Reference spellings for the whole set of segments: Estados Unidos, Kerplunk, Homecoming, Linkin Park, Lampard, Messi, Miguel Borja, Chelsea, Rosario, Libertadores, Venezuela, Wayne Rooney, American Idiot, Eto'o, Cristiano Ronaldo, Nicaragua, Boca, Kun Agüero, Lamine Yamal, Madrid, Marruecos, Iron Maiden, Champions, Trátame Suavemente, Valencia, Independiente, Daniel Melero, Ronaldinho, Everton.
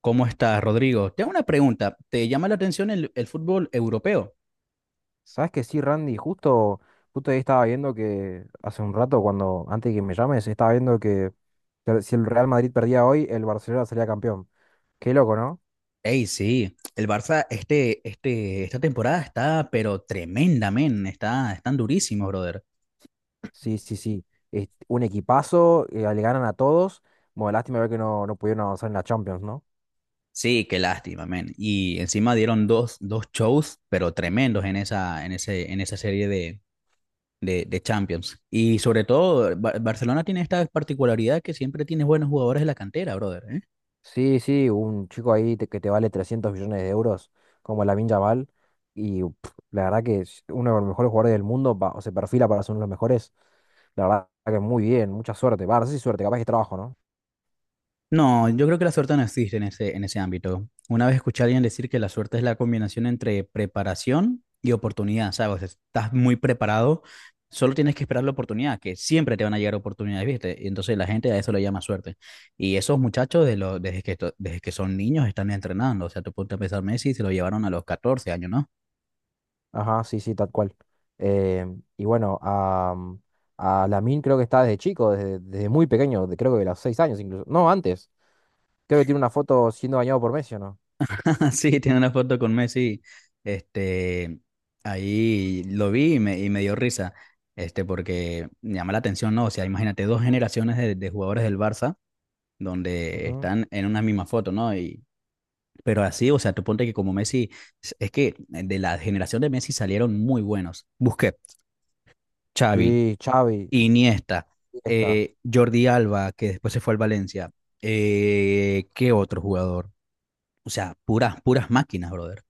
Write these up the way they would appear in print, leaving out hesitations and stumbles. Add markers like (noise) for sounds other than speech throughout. ¿Cómo estás, Rodrigo? Te hago una pregunta. ¿Te llama la atención el fútbol europeo? Sabes que sí, Randy, justo ahí estaba viendo que hace un rato, cuando, antes de que me llames, estaba viendo que si el Real Madrid perdía hoy, el Barcelona sería campeón. Qué loco, ¿no? Ey, sí, el Barça esta temporada está, pero tremenda, men. Están durísimos, brother. Sí, sí, sí. Es un equipazo, le ganan a todos. Bueno, lástima ver que no pudieron avanzar en la Champions, ¿no? Sí, qué lástima, men. Y encima dieron dos shows, pero tremendos en esa serie de Champions. Y sobre todo, Barcelona tiene esta particularidad que siempre tiene buenos jugadores de la cantera, brother, ¿eh? Sí, sí, un chico ahí que te vale 300 millones de euros, como Lamine Yamal, y pff, la verdad que es uno de los mejores jugadores del mundo, o se perfila para ser uno de los mejores. La verdad que muy bien, mucha suerte. Va, no sé si suerte, capaz que trabajo, ¿no? No, yo creo que la suerte no existe en ese ámbito. Una vez escuché a alguien decir que la suerte es la combinación entre preparación y oportunidad, ¿sabes? Estás muy preparado, solo tienes que esperar la oportunidad, que siempre te van a llegar oportunidades, ¿viste? Y entonces la gente a eso le llama suerte. Y esos muchachos, de lo- desde que, to- desde que son niños, están entrenando. O sea, tú ponte a pensar, Messi se lo llevaron a los 14 años, ¿no? Ajá, sí, sí, tal cual. Eh, y bueno, a Lamine creo que está desde chico, desde muy pequeño, creo que de los 6 años incluso. No, antes. Creo que tiene una foto siendo bañado por Messi, ¿o no? (laughs) Sí, tiene una foto con Messi. Este, ahí lo vi y me dio risa. Este, porque me llama la atención, ¿no? O sea, imagínate dos generaciones de jugadores del Barça donde Ujú. están en una misma foto, ¿no? Y, pero así, o sea, tú ponte que como Messi, es que de la generación de Messi salieron muy buenos. Busquets, Xavi, Sí, Xavi, Iniesta, está, Jordi Alba, que después se fue al Valencia. ¿Qué otro jugador? O sea, puras máquinas, brother.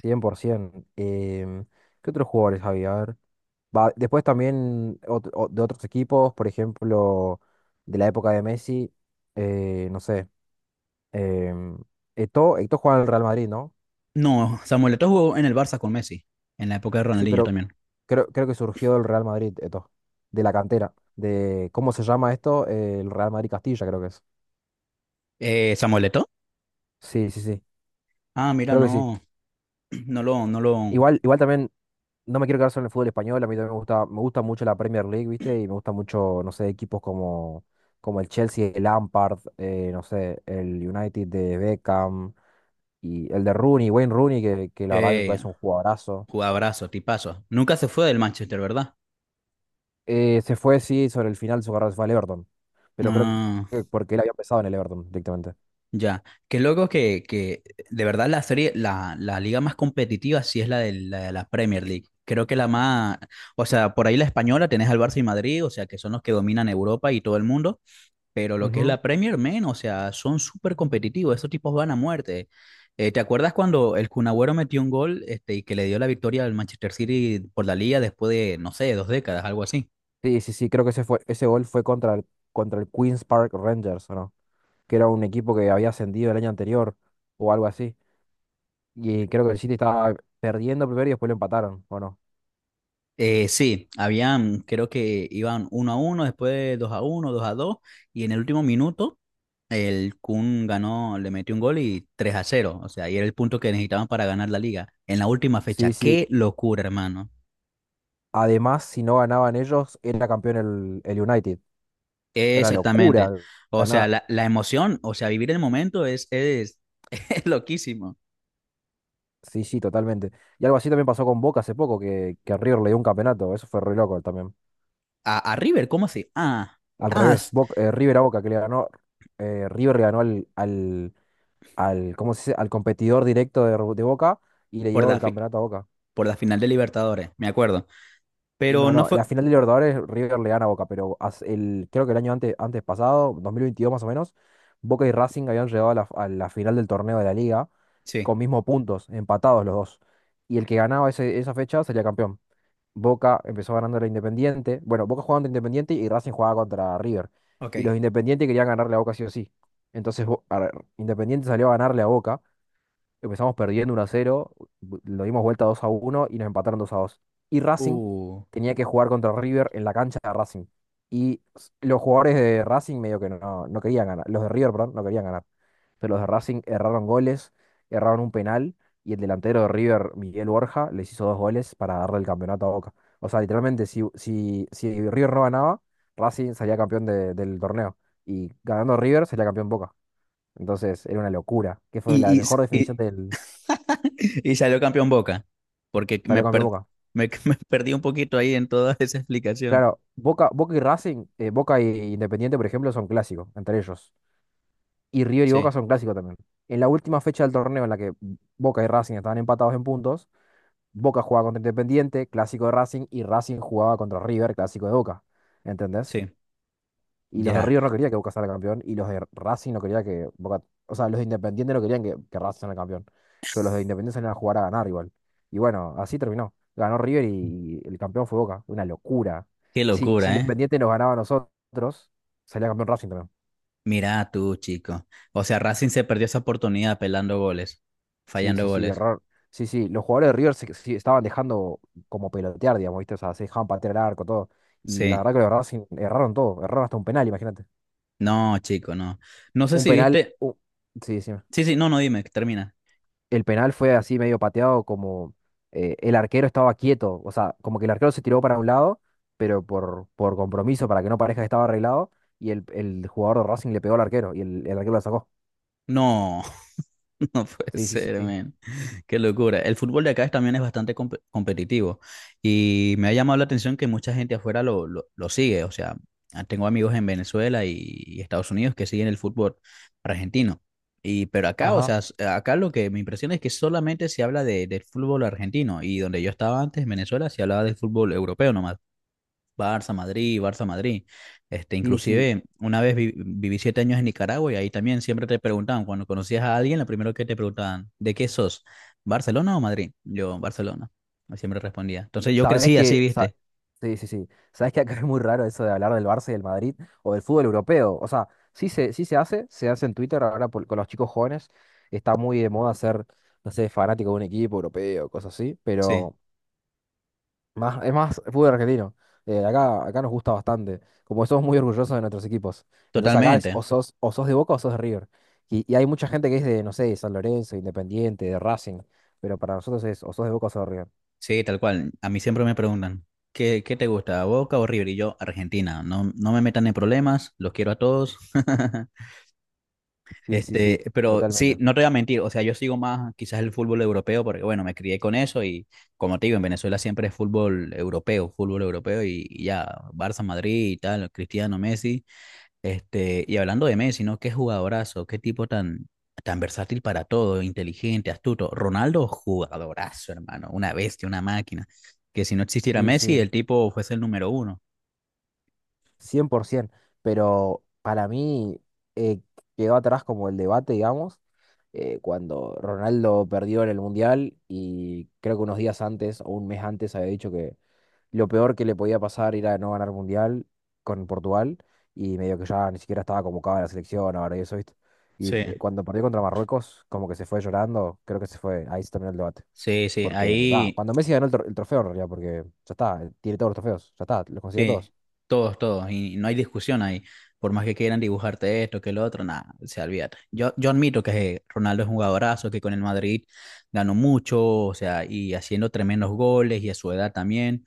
100%. ¿Qué otros jugadores había? A ver. Va, después también de otros equipos, por ejemplo, de la época de Messi, no sé. Eh, Eto'o jugaba en el Real Madrid, ¿no? No, Samuel Eto'o jugó en el Barça con Messi, en la época de Sí, Ronaldinho pero también. creo que surgió del Real Madrid, esto, de la cantera, de, ¿cómo se llama esto? El Real Madrid Castilla, creo que es. ¿Eh, Samuel Eto'o? Sí, sí, sí, Ah, mira, creo que sí. no, (clears throat) no lo, no lo, Igual también, no me quiero quedar solo en el fútbol español, a mí también me gusta mucho la Premier League, ¿viste? Y me gusta mucho, no sé, equipos como el Chelsea, el Lampard, no sé, el United de Beckham, y el de Rooney, Wayne Rooney, que la verdad me eh, parece un jugadorazo. jugabrazo, tipazo. Nunca se fue del Manchester, ¿verdad? Se fue, sí, sobre el final de su carrera se fue al Everton, pero creo Ah, que porque él había empezado en el Everton directamente. ya. Qué loco que de verdad la liga más competitiva sí es la de la Premier League. Creo que la más, o sea, por ahí la española tenés al Barça y Madrid, o sea, que son los que dominan Europa y todo el mundo. Pero lo que es Ujú. la Premier, men, o sea, son súper competitivos. Esos tipos van a muerte. ¿Te acuerdas cuando el Kun Agüero metió un gol este, y que le dio la victoria al Manchester City por la liga después de, no sé, dos décadas, algo así? Sí, sí, sí, creo que ese gol fue contra el Queens Park Rangers, ¿o no? Que era un equipo que había ascendido el año anterior o algo así. Y creo que el City estaba perdiendo primero y después lo empataron, ¿o no? Sí, habían, creo que iban uno a uno, después de dos a uno, dos a dos, y en el último minuto el Kun ganó, le metió un gol y 3 a cero. O sea, y era el punto que necesitaban para ganar la liga en la última fecha. Sí, sí. ¡Qué locura, hermano! Además, si no ganaban ellos, era campeón el United. Era Exactamente. locura O sea, ganar. La emoción, o sea, vivir el momento (laughs) es loquísimo. Sí, sí, totalmente. Y algo así también pasó con Boca hace poco, que River le dio un campeonato. Eso fue re loco también. A River, ¿cómo así? Al ah, revés, s- River a Boca, que le ganó, River le ganó al, ¿cómo se dice? Al competidor directo de Boca y le por llevó el campeonato a Boca. por la final de Libertadores, me acuerdo. Pero No, no no, fue. la final de Libertadores River le gana a Boca, pero creo que el año antes pasado, 2022 más o menos, Boca y Racing habían llegado a la final del torneo de la Liga Sí, con mismos puntos, empatados los dos. Y el que ganaba esa fecha sería campeón. Boca empezó ganando a Independiente. Bueno, Boca jugaba contra Independiente y Racing jugaba contra River. Y los ok. Independientes querían ganarle a Boca sí o sí. Entonces Independiente salió a ganarle a Boca. Empezamos perdiendo 1-0, lo dimos vuelta 2-1 y nos empataron 2-2. Y Racing Uh. tenía que jugar contra River en la cancha de Racing. Y los jugadores de Racing medio que no querían ganar. Los de River, perdón, no querían ganar. Pero los de Racing erraron goles, erraron un penal y el delantero de River, Miguel Borja, les hizo dos goles para darle el campeonato a Boca. O sea, literalmente, si River no ganaba, Racing salía campeón del torneo. Y ganando River, salía campeón Boca. Entonces, era una locura, que fue la Y, y, s- mejor definición y, del. (laughs) y salió campeón Boca, porque me, Salió campeón per- Boca. me, (laughs) me perdí un poquito ahí en toda (laughs) esa explicación. Claro, Boca y Racing, Boca e Independiente, por ejemplo, son clásicos entre ellos. Y River y Boca Sí, son clásicos también. En la última fecha del torneo en la que Boca y Racing estaban empatados en puntos, Boca jugaba contra Independiente, clásico de Racing, y Racing jugaba contra River, clásico de Boca. ¿Entendés? sí, Y los de ya. River no quería que Boca salga campeón. Y los de Racing no quería que Boca. O sea, los de Independiente no querían que Racing salga campeón. Pero los de Independiente salían a jugar a ganar igual. Y bueno, así terminó. Ganó River y el campeón fue Boca. Una locura. Qué Si locura, ¿eh? Independiente nos ganaba a nosotros, salía campeón Racing también. Mira tú, chico. O sea, Racing se perdió esa oportunidad pelando goles, Sí, fallando sí, sí, goles. error. Sí, sí, los jugadores de River se, sí, estaban dejando como pelotear, digamos, ¿viste? O sea, se dejaban patear el arco, todo. Y la Sí. verdad que los de Racing erraron todo. Erraron hasta un penal, imagínate. No, chico, no. No sé Un si penal. viste. Sí, sí. Sí, sí, no, no, dime, termina. El penal fue así medio pateado, como el arquero estaba quieto, o sea, como que el arquero se tiró para un lado, pero por compromiso, para que no parezca que estaba arreglado, y el jugador de Racing le pegó al arquero y el arquero la sacó. No, (laughs) no puede Sí, sí, sí. ser, Sí, man. Qué locura. El fútbol de acá también es bastante competitivo y me ha llamado la atención que mucha gente afuera lo sigue. O sea, ah, tengo amigos en Venezuela y Estados Unidos que siguen el fútbol argentino. Y, pero acá, o sea, ajá. Acá lo que me impresiona es que solamente se habla del fútbol argentino y donde yo estaba antes, en Venezuela, se hablaba del fútbol europeo nomás. Barça, Madrid, Barça, Madrid. Este, Sí. Sí. inclusive, una vez viví 7 años en Nicaragua y ahí también siempre te preguntaban, cuando conocías a alguien, lo primero que te preguntaban, ¿de qué sos? ¿Barcelona o Madrid? Yo, Barcelona. Y siempre respondía. Entonces yo Sabes crecí así, que. ¿Viste? Sí, sí, sí. Sabes que acá (laughs) es muy raro eso de hablar del Barça y del Madrid o del fútbol europeo. O sea, sí se, sí se hace en Twitter ahora con los chicos jóvenes. Está muy de moda ser, no sé, fanático de un equipo europeo, cosas así, Sí, pero. Más, es más fútbol argentino. Acá nos gusta bastante. Como somos muy orgullosos de nuestros equipos. Entonces acá es totalmente. o sos, de Boca o sos de River. Y hay mucha gente que es de, no sé, de San Lorenzo, Independiente, de Racing. Pero para nosotros es o sos de Boca o sos de River. Sí, tal cual. A mí siempre me preguntan, ¿qué te gusta, Boca o River? Y yo, Argentina. No, no me metan en problemas, los quiero a todos. (laughs) Sí, sí, sí, Este, pero sí, totalmente. no te voy a mentir, o sea, yo sigo más quizás el fútbol europeo porque, bueno, me crié con eso y, como te digo, en Venezuela siempre es fútbol europeo y ya, Barça, Madrid y tal, Cristiano, Messi, este, y hablando de Messi, ¿no? Qué jugadorazo, qué tipo tan, tan versátil para todo, inteligente, astuto. Ronaldo, jugadorazo, hermano, una bestia, una máquina, que si no existiera Sí, Messi, sí. el tipo fuese el número uno. 100%, pero para mí eh, quedó atrás como el debate, digamos, cuando Ronaldo perdió en el Mundial y creo que unos días antes o un mes antes había dicho que lo peor que le podía pasar era no ganar Mundial con Portugal y medio que ya ni siquiera estaba convocado a la selección ahora y eso, ¿viste? Y Sí. Cuando perdió contra Marruecos, como que se fue llorando, creo que se fue, ahí se terminó el debate. Sí, sí, Porque, va, ahí. cuando Messi ganó el trofeo en realidad, porque ya está, tiene todos los trofeos, ya está, los consiguió Sí, todos. todos, todos, y no hay discusión ahí. Por más que quieran dibujarte esto, que lo otro, nada, se olvídate. Yo admito que Ronaldo es un jugadorazo, que con el Madrid ganó mucho, o sea, y haciendo tremendos goles y a su edad también,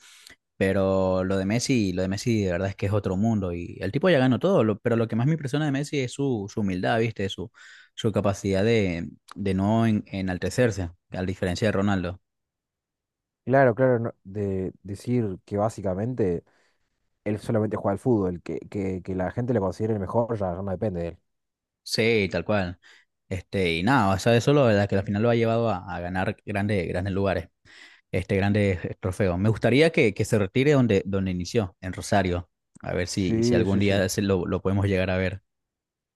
pero lo de Messi de verdad es que es otro mundo y el tipo ya ganó todo, pero lo que más me impresiona de Messi es su humildad, ¿viste? Su capacidad de no enaltecerse, a diferencia de Ronaldo. Claro, claro, de decir que básicamente él solamente juega al fútbol, que la gente lo considere el mejor ya no depende de él. Sí, tal cual. Este, y nada, o sea, eso lo verdad que al final lo ha llevado a ganar grandes, grandes lugares, este, grandes trofeos. Me gustaría que se retire donde, donde inició, en Rosario. A ver si, si Sí, algún sí, sí. día se lo podemos llegar a ver.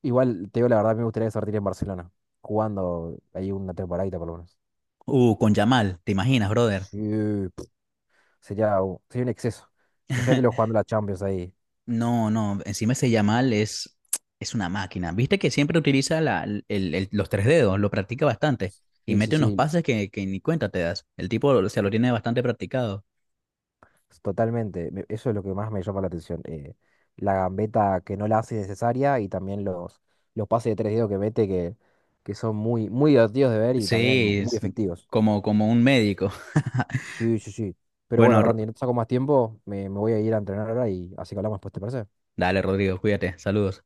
Igual, te digo la verdad, me gustaría sortir en Barcelona, jugando ahí una temporadita por lo menos. Con Yamal, ¿te imaginas, brother? Sí, pf, sería un exceso. Imagínatelo jugando (laughs) la Champions ahí. No, no, encima ese Yamal es una máquina. Viste que siempre utiliza los tres dedos, lo practica bastante y Sí, sí, mete unos sí. pases que ni cuenta te das. El tipo, o sea, lo tiene bastante practicado. Totalmente, eso es lo que más me llama la atención. La gambeta que no la hace necesaria y también los pases de tres dedos que mete que son muy, muy divertidos de ver y también Sí, muy es efectivos. como, como un médico. Sí, sí, sí. Pero bueno, Bueno, Randy, no te saco más tiempo, me voy a ir a entrenar ahora y así que hablamos después, ¿te parece? dale, Rodrigo, cuídate. Saludos.